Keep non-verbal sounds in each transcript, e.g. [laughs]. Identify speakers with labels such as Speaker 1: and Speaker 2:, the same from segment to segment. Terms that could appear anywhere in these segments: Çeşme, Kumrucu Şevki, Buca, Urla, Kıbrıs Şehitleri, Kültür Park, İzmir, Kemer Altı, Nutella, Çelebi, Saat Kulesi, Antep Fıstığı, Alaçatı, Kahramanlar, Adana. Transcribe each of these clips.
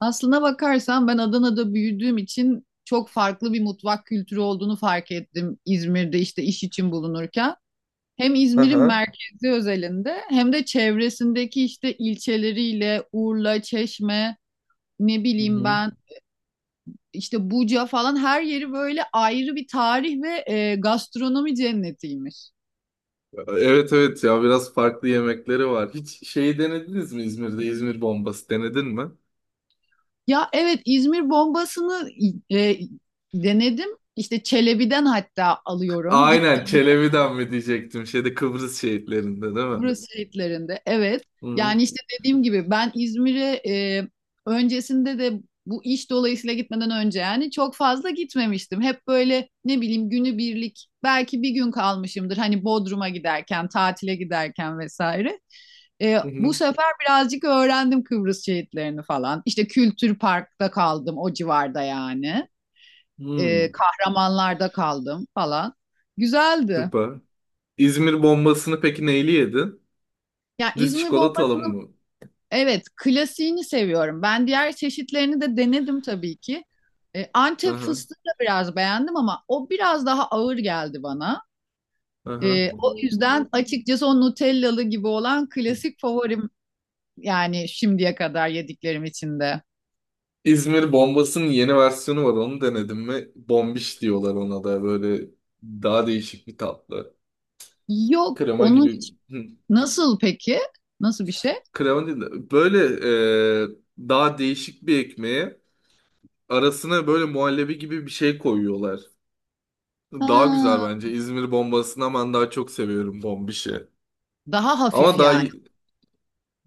Speaker 1: Aslına bakarsan ben Adana'da büyüdüğüm için çok farklı bir mutfak kültürü olduğunu fark ettim İzmir'de işte iş için bulunurken. Hem İzmir'in
Speaker 2: Aha.
Speaker 1: merkezi özelinde hem de çevresindeki işte ilçeleriyle Urla, Çeşme, ne
Speaker 2: Hı
Speaker 1: bileyim
Speaker 2: hı.
Speaker 1: ben işte Buca falan her yeri böyle ayrı bir tarih ve gastronomi cennetiymiş.
Speaker 2: Evet, evet, ya biraz farklı yemekleri var. Hiç şeyi denediniz mi İzmir'de? İzmir bombası denedin mi?
Speaker 1: Ya evet İzmir bombasını e, denedim. İşte Çelebi'den hatta alıyorum.
Speaker 2: Aynen,
Speaker 1: Gittiğim
Speaker 2: Çelebi'den mi diyecektim. Şeyde Kıbrıs şehitlerinde değil mi?
Speaker 1: Kıbrıs şehitlerinde. Evet.
Speaker 2: Hı hı.
Speaker 1: Yani işte dediğim gibi ben İzmir'e öncesinde de bu iş dolayısıyla gitmeden önce yani çok fazla gitmemiştim. Hep böyle ne bileyim günübirlik belki bir gün kalmışımdır. Hani Bodrum'a giderken, tatile giderken vesaire. E,
Speaker 2: Hı
Speaker 1: bu
Speaker 2: hı.
Speaker 1: sefer birazcık öğrendim Kıbrıs şehitlerini falan. İşte Kültür Park'ta kaldım o civarda yani.
Speaker 2: Hmm.
Speaker 1: Kahramanlar'da kaldım falan. Güzeldi.
Speaker 2: Süper. İzmir bombasını peki neyle yedin?
Speaker 1: Ya
Speaker 2: Düz
Speaker 1: İzmir
Speaker 2: çikolatalı
Speaker 1: Bombasını.
Speaker 2: mı?
Speaker 1: Evet, klasiğini seviyorum. Ben diğer çeşitlerini de denedim tabii ki. Antep
Speaker 2: Aha.
Speaker 1: fıstığı da biraz beğendim ama o biraz daha ağır geldi bana.
Speaker 2: Aha.
Speaker 1: O yüzden açıkçası o Nutellalı gibi olan klasik favorim, yani şimdiye kadar yediklerim içinde.
Speaker 2: İzmir bombasının yeni versiyonu var. Onu denedin mi? Bombiş diyorlar ona da, böyle daha değişik bir tatlı.
Speaker 1: Yok,
Speaker 2: Krema
Speaker 1: onu
Speaker 2: gibi.
Speaker 1: hiç nasıl peki? Nasıl bir şey?
Speaker 2: Krema değil de böyle, e, daha değişik bir ekmeğe arasına böyle muhallebi gibi bir şey koyuyorlar. Daha güzel
Speaker 1: Ha,
Speaker 2: bence. İzmir bombasından ben daha çok seviyorum bombişi.
Speaker 1: daha
Speaker 2: Ama
Speaker 1: hafif
Speaker 2: daha
Speaker 1: yani.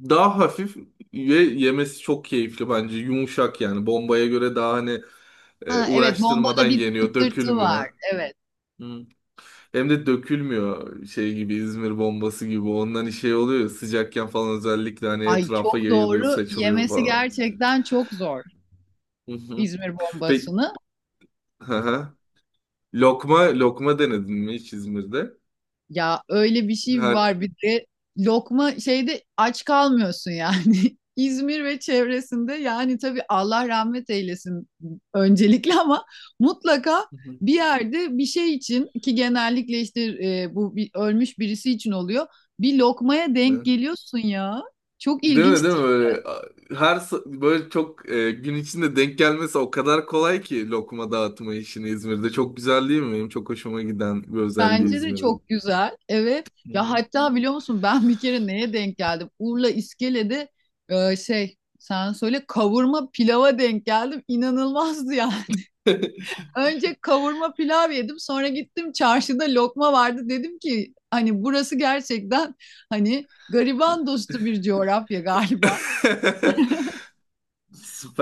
Speaker 2: daha hafif ve yemesi çok keyifli bence. Yumuşak yani. Bombaya göre daha hani
Speaker 1: Ha, evet,
Speaker 2: uğraştırmadan
Speaker 1: bombada bir
Speaker 2: yeniyor,
Speaker 1: tıktırtı var.
Speaker 2: dökülmüyor.
Speaker 1: Evet.
Speaker 2: Hı. Hem de dökülmüyor şey gibi, İzmir bombası gibi. Ondan şey oluyor ya, sıcakken falan özellikle hani
Speaker 1: Ay
Speaker 2: etrafa
Speaker 1: çok
Speaker 2: yayılıyor,
Speaker 1: doğru.
Speaker 2: saçılıyor
Speaker 1: Yemesi
Speaker 2: falan.
Speaker 1: gerçekten çok zor
Speaker 2: Hı hı.
Speaker 1: İzmir
Speaker 2: Peki
Speaker 1: bombasını.
Speaker 2: Hı hı. Lokma, lokma denedin mi hiç İzmir'de?
Speaker 1: Ya öyle bir şey
Speaker 2: Her
Speaker 1: var bir de, lokma şeyde aç kalmıyorsun yani. [laughs] İzmir ve çevresinde yani tabii Allah rahmet eylesin öncelikle ama mutlaka
Speaker 2: Hı hı.
Speaker 1: bir yerde bir şey için ki genellikle işte bu bir, ölmüş birisi için oluyor. Bir lokmaya denk
Speaker 2: Hı.
Speaker 1: geliyorsun ya. Çok
Speaker 2: Değil mi, değil
Speaker 1: ilginç
Speaker 2: mi,
Speaker 1: değil.
Speaker 2: böyle böyle çok gün içinde denk gelmesi o kadar kolay ki lokma dağıtma işini İzmir'de, çok güzel değil mi? Benim çok hoşuma giden bir özelliği
Speaker 1: Bence de
Speaker 2: İzmir'in.
Speaker 1: çok güzel. Evet.
Speaker 2: Hı
Speaker 1: Ya
Speaker 2: hı.
Speaker 1: hatta biliyor musun, ben bir kere neye denk geldim? Urla İskele'de şey sen söyle, kavurma pilava denk geldim. İnanılmazdı yani. [laughs] Önce kavurma pilav yedim. Sonra gittim çarşıda lokma vardı. Dedim ki hani burası gerçekten hani gariban dostu bir coğrafya galiba.
Speaker 2: [laughs]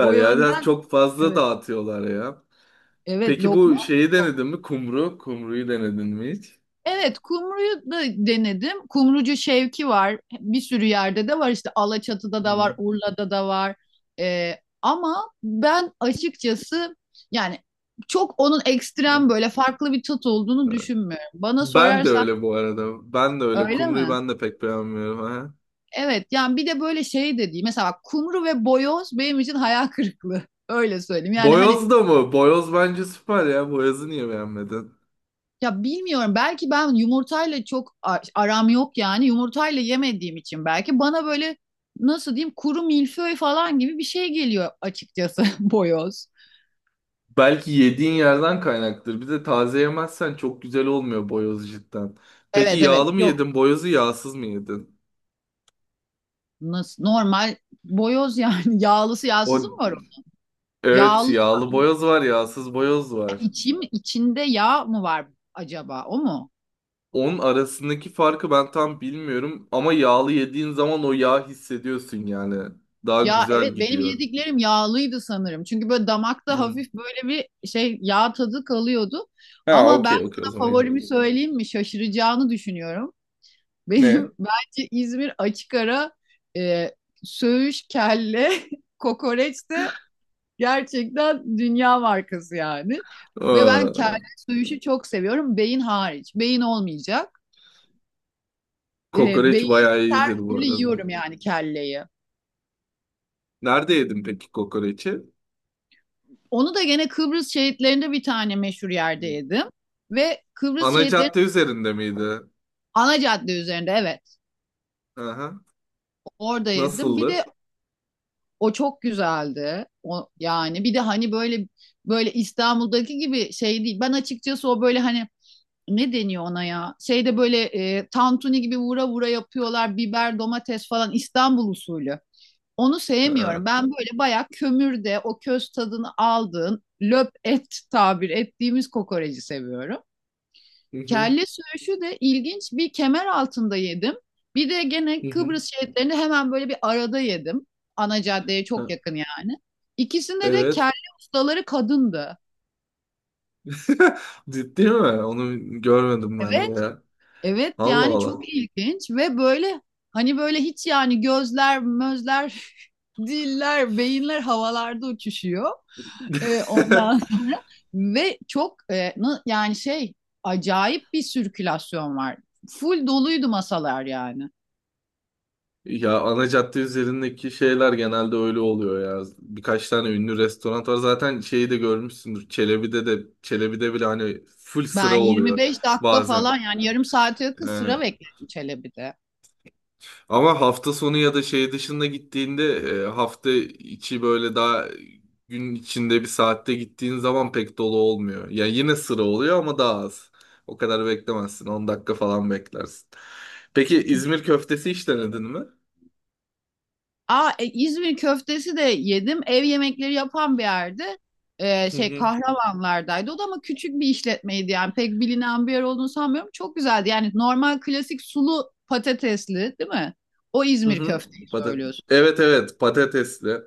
Speaker 1: O
Speaker 2: ya. Ya
Speaker 1: yönden
Speaker 2: çok fazla
Speaker 1: evet.
Speaker 2: dağıtıyorlar ya.
Speaker 1: Evet
Speaker 2: Peki bu
Speaker 1: lokma.
Speaker 2: şeyi denedin mi? Kumru, kumruyu denedin mi hiç?
Speaker 1: Evet, kumruyu da denedim. Kumrucu Şevki var. Bir sürü yerde de var. İşte Alaçatı'da da var,
Speaker 2: Hı.
Speaker 1: Urla'da da var. Ee, ama ben açıkçası yani çok onun ekstrem böyle farklı bir tat olduğunu
Speaker 2: Hı.
Speaker 1: düşünmüyorum. Bana
Speaker 2: Ben de
Speaker 1: sorarsan
Speaker 2: öyle bu arada. Ben de öyle.
Speaker 1: öyle
Speaker 2: Kumruyu
Speaker 1: mi?
Speaker 2: ben de pek beğenmiyorum, ha.
Speaker 1: Evet, yani bir de böyle şey de değil. Mesela bak, kumru ve boyoz benim için hayal kırıklığı. [laughs] Öyle söyleyeyim. Yani hani.
Speaker 2: Boyoz da mı? Boyoz bence süper ya. Boyoz'u niye beğenmedin?
Speaker 1: Ya bilmiyorum, belki ben yumurtayla çok aram yok yani, yumurtayla yemediğim için belki bana böyle nasıl diyeyim, kuru milföy falan gibi bir şey geliyor açıkçası [laughs] boyoz.
Speaker 2: Belki yediğin yerden kaynaktır. Bir de taze yemezsen çok güzel olmuyor boyoz, cidden. Peki
Speaker 1: Evet evet
Speaker 2: yağlı mı
Speaker 1: yok,
Speaker 2: yedin? Boyozu yağsız mı yedin?
Speaker 1: nasıl normal boyoz yani. [laughs] Yağlısı
Speaker 2: O,
Speaker 1: yağsızı mı var o?
Speaker 2: evet,
Speaker 1: Yağlı
Speaker 2: yağlı
Speaker 1: yani.
Speaker 2: boyoz var, yağsız boyoz var.
Speaker 1: İçim içinde yağ mı var acaba, o mu?
Speaker 2: Onun arasındaki farkı ben tam bilmiyorum ama yağlı yediğin zaman o yağ hissediyorsun yani. Daha
Speaker 1: Ya
Speaker 2: güzel
Speaker 1: evet, benim
Speaker 2: gidiyor.
Speaker 1: yediklerim yağlıydı sanırım. Çünkü böyle damakta
Speaker 2: Hı.
Speaker 1: hafif böyle bir şey yağ tadı kalıyordu.
Speaker 2: Ha,
Speaker 1: Ama ben
Speaker 2: okey, okey, o
Speaker 1: sana
Speaker 2: zaman yağlı.
Speaker 1: favorimi söyleyeyim mi? Şaşıracağını düşünüyorum. Benim,
Speaker 2: Ne?
Speaker 1: [laughs] bence İzmir açık ara e, söğüş, kelle, [laughs] kokoreç de gerçekten dünya markası yani. Ve ben kelle
Speaker 2: Aa,
Speaker 1: söğüşü çok seviyorum. Beyin hariç. Beyin olmayacak. E,
Speaker 2: kokoreç
Speaker 1: beyin
Speaker 2: bayağı
Speaker 1: her
Speaker 2: iyidir bu
Speaker 1: türlü
Speaker 2: arada.
Speaker 1: yiyorum yani kelleyi.
Speaker 2: Nerede yedin peki kokoreçi?
Speaker 1: Onu da gene Kıbrıs şehitlerinde bir tane meşhur yerde yedim. Ve Kıbrıs
Speaker 2: Ana cadde
Speaker 1: şehitlerinin
Speaker 2: üzerinde miydi?
Speaker 1: ana cadde üzerinde, evet,
Speaker 2: Aha.
Speaker 1: orada yedim. Bir de
Speaker 2: Nasıldı?
Speaker 1: o çok güzeldi. O yani, bir de hani böyle, böyle İstanbul'daki gibi şey değil. Ben açıkçası o böyle hani ne deniyor ona ya? Şeyde böyle tantuni gibi vura vura yapıyorlar. Biber, domates falan İstanbul usulü. Onu sevmiyorum.
Speaker 2: Ha.
Speaker 1: Ben böyle bayağı kömürde o köz tadını aldığın löp et tabir ettiğimiz kokoreci seviyorum.
Speaker 2: Hı hı.
Speaker 1: Kelle söğüşü de ilginç, bir kemer altında yedim. Bir de gene
Speaker 2: Hı hı.
Speaker 1: Kıbrıs şehitlerini hemen böyle bir arada yedim. Ana caddeye çok
Speaker 2: Ha.
Speaker 1: yakın yani. İkisinde de
Speaker 2: Evet.
Speaker 1: kelle ustaları kadındı.
Speaker 2: [laughs] Ciddi mi? Onu görmedim ben de
Speaker 1: Evet.
Speaker 2: ya.
Speaker 1: Evet
Speaker 2: Allah
Speaker 1: yani
Speaker 2: Allah.
Speaker 1: çok ilginç ve böyle hani, böyle hiç yani gözler, mözler, [laughs] diller, beyinler havalarda uçuşuyor. Ondan
Speaker 2: [laughs]
Speaker 1: sonra, ve çok yani şey, acayip bir sirkülasyon var. Full doluydu masalar yani.
Speaker 2: Ya ana cadde üzerindeki şeyler genelde öyle oluyor ya. Birkaç tane ünlü restoran var. Zaten şeyi de görmüşsündür. Çelebi'de bile hani full
Speaker 1: Ben
Speaker 2: sıra oluyor
Speaker 1: 25 dakika
Speaker 2: bazen.
Speaker 1: falan, yani yarım saate yakın sıra bekledim Çelebi'de.
Speaker 2: Ama hafta sonu ya da şey dışında gittiğinde, hafta içi böyle daha gün içinde bir saatte gittiğin zaman pek dolu olmuyor. Yani yine sıra oluyor ama daha az. O kadar beklemezsin. 10 dakika falan beklersin. Peki İzmir köftesi hiç denedin mi?
Speaker 1: Aa İzmir köftesi de yedim. Ev yemekleri yapan bir yerde.
Speaker 2: Hı
Speaker 1: Şey
Speaker 2: hı.
Speaker 1: Kahramanlardaydı. O da ama küçük bir işletmeydi yani, pek bilinen bir yer olduğunu sanmıyorum. Çok güzeldi. Yani normal klasik sulu patatesli değil mi? O
Speaker 2: Hı
Speaker 1: İzmir
Speaker 2: hı.
Speaker 1: köfteyi söylüyorsun.
Speaker 2: Evet, evet, patatesli.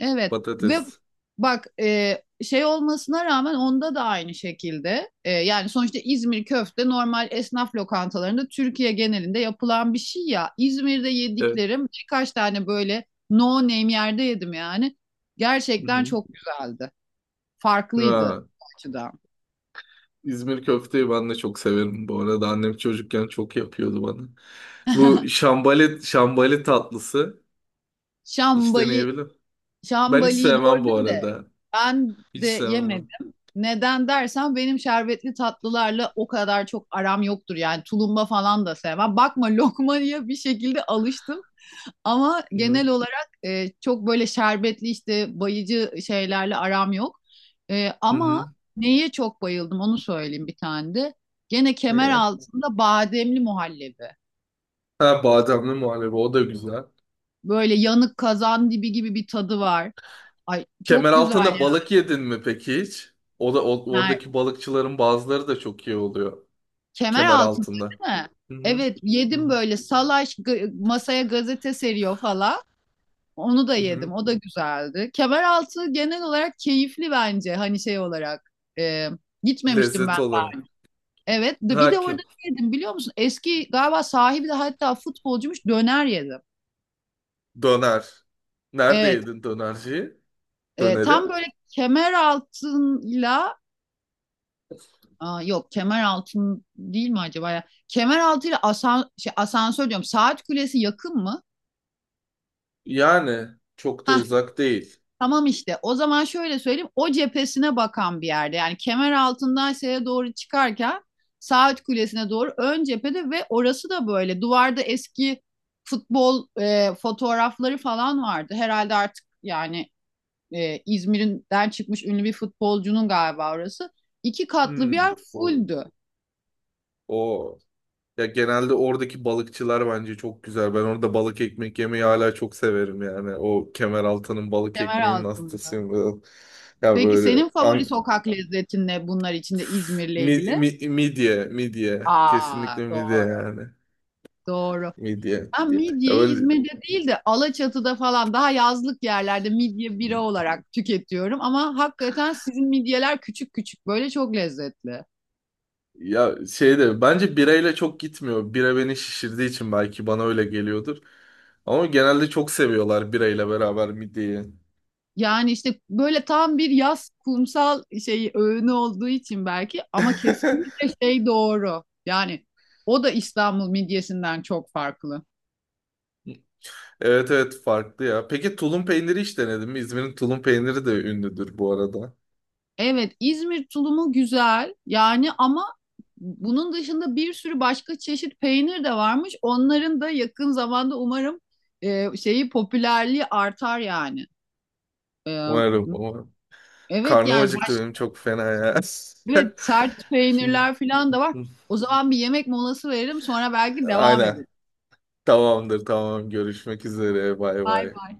Speaker 1: Evet, ve
Speaker 2: Patates.
Speaker 1: bak şey olmasına rağmen onda da aynı şekilde, yani sonuçta İzmir köfte normal esnaf lokantalarında Türkiye genelinde yapılan bir şey ya. İzmir'de
Speaker 2: Evet.
Speaker 1: yediklerim birkaç tane böyle no name yerde yedim yani.
Speaker 2: Hı
Speaker 1: Gerçekten
Speaker 2: hı.
Speaker 1: çok güzeldi. Farklıydı
Speaker 2: Ha,
Speaker 1: bu açıdan.
Speaker 2: İzmir köfteyi ben de çok severim. Bu arada annem çocukken çok yapıyordu bana. Bu
Speaker 1: [laughs]
Speaker 2: şambali, şambali tatlısı. Hiç
Speaker 1: Şambali.
Speaker 2: deneyebilir. Ben hiç
Speaker 1: Şambali'yi
Speaker 2: sevmem bu
Speaker 1: gördüm de
Speaker 2: arada.
Speaker 1: ben
Speaker 2: Hiç
Speaker 1: de
Speaker 2: sevmem.
Speaker 1: yemedim. Neden dersen, benim şerbetli tatlılarla o kadar çok aram yoktur. Yani tulumba falan da sevmem. Bakma lokmaya, bir şekilde alıştım. Ama
Speaker 2: Hı hı.
Speaker 1: genel olarak çok böyle şerbetli işte bayıcı şeylerle aram yok. E,
Speaker 2: Hı hı.
Speaker 1: ama neye çok bayıldım onu söyleyeyim bir tane de. Gene
Speaker 2: Ne?
Speaker 1: kemer
Speaker 2: Yer?
Speaker 1: altında bademli muhallebi.
Speaker 2: Ha, bademli muhallebi, o da güzel.
Speaker 1: Böyle yanık kazan dibi gibi bir tadı var. Ay
Speaker 2: Kemer
Speaker 1: çok güzel
Speaker 2: altında balık yedin mi peki hiç? O da oradaki
Speaker 1: yani.
Speaker 2: balıkçıların bazıları da çok iyi oluyor.
Speaker 1: Kemer altında
Speaker 2: Kemeraltı'nda.
Speaker 1: değil mi?
Speaker 2: Hı hı.
Speaker 1: Evet,
Speaker 2: Hı
Speaker 1: yedim
Speaker 2: hı.
Speaker 1: böyle salaş, masaya gazete seriyor falan. Onu da
Speaker 2: Hı hı.
Speaker 1: yedim. O da güzeldi. Kemer altı genel olarak keyifli bence. Hani şey olarak e, gitmemiştim ben.
Speaker 2: Lezzet olarak.
Speaker 1: Evet. Bir
Speaker 2: Ha
Speaker 1: de
Speaker 2: ki
Speaker 1: orada ne yedim biliyor musun? Eski galiba sahibi de hatta futbolcuymuş, döner yedim.
Speaker 2: döner. Nerede
Speaker 1: Evet.
Speaker 2: yedin dönerciyi? Döneri.
Speaker 1: Tam böyle kemer altıyla. Aa, yok kemer altın değil mi acaba ya? Kemer altıyla asan, şey, asansör diyorum. Saat kulesi yakın mı?
Speaker 2: Yani çok da uzak değil.
Speaker 1: Tamam, işte o zaman şöyle söyleyeyim, o cephesine bakan bir yerde yani, kemer altından şeye doğru çıkarken Saat Kulesi'ne doğru ön cephede, ve orası da böyle duvarda eski futbol fotoğrafları falan vardı. Herhalde artık yani İzmir'den çıkmış ünlü bir futbolcunun galiba orası. İki katlı bir
Speaker 2: Hmm.
Speaker 1: yer, fulldü
Speaker 2: O. Ya genelde oradaki balıkçılar bence çok güzel. Ben orada balık ekmek yemeyi hala çok severim yani. O Kemeraltı'nın balık
Speaker 1: kemer
Speaker 2: ekmeğinin
Speaker 1: altında.
Speaker 2: hastasıyım ben. Ya
Speaker 1: Peki
Speaker 2: böyle
Speaker 1: senin favori sokak lezzetin ne bunlar içinde İzmir'le ilgili?
Speaker 2: midye, midye.
Speaker 1: Aa
Speaker 2: Kesinlikle midye
Speaker 1: doğru
Speaker 2: yani.
Speaker 1: doğru.
Speaker 2: Midye.
Speaker 1: Ben
Speaker 2: Ya
Speaker 1: midyeyi
Speaker 2: böyle,
Speaker 1: İzmir'de değil de Alaçatı'da falan, daha yazlık yerlerde midye bira olarak tüketiyorum. Ama hakikaten sizin midyeler küçük küçük böyle çok lezzetli.
Speaker 2: ya şey de bence birayla çok gitmiyor. Bira beni şişirdiği için belki bana öyle geliyordur. Ama genelde çok seviyorlar birayla beraber midyeyi.
Speaker 1: Yani işte böyle tam bir yaz kumsal şeyi öğünü olduğu için belki, ama
Speaker 2: [laughs]
Speaker 1: kesinlikle şey doğru. Yani o da İstanbul midyesinden çok farklı.
Speaker 2: Evet, evet, farklı ya. Peki tulum peyniri hiç denedin mi? İzmir'in tulum peyniri de ünlüdür bu arada.
Speaker 1: Evet, İzmir tulumu güzel yani, ama bunun dışında bir sürü başka çeşit peynir de varmış. Onların da yakın zamanda umarım şeyi popülerliği artar yani. E,
Speaker 2: Umarım, umarım.
Speaker 1: evet
Speaker 2: Karnım
Speaker 1: yani
Speaker 2: acıktı benim çok fena ya.
Speaker 1: evet sert
Speaker 2: [laughs] Şimdi.
Speaker 1: peynirler falan da var. O zaman bir yemek molası verelim, sonra belki devam
Speaker 2: Aynen.
Speaker 1: ederiz.
Speaker 2: Tamamdır, tamam. Görüşmek üzere. Bay
Speaker 1: Bay
Speaker 2: bay.
Speaker 1: bay.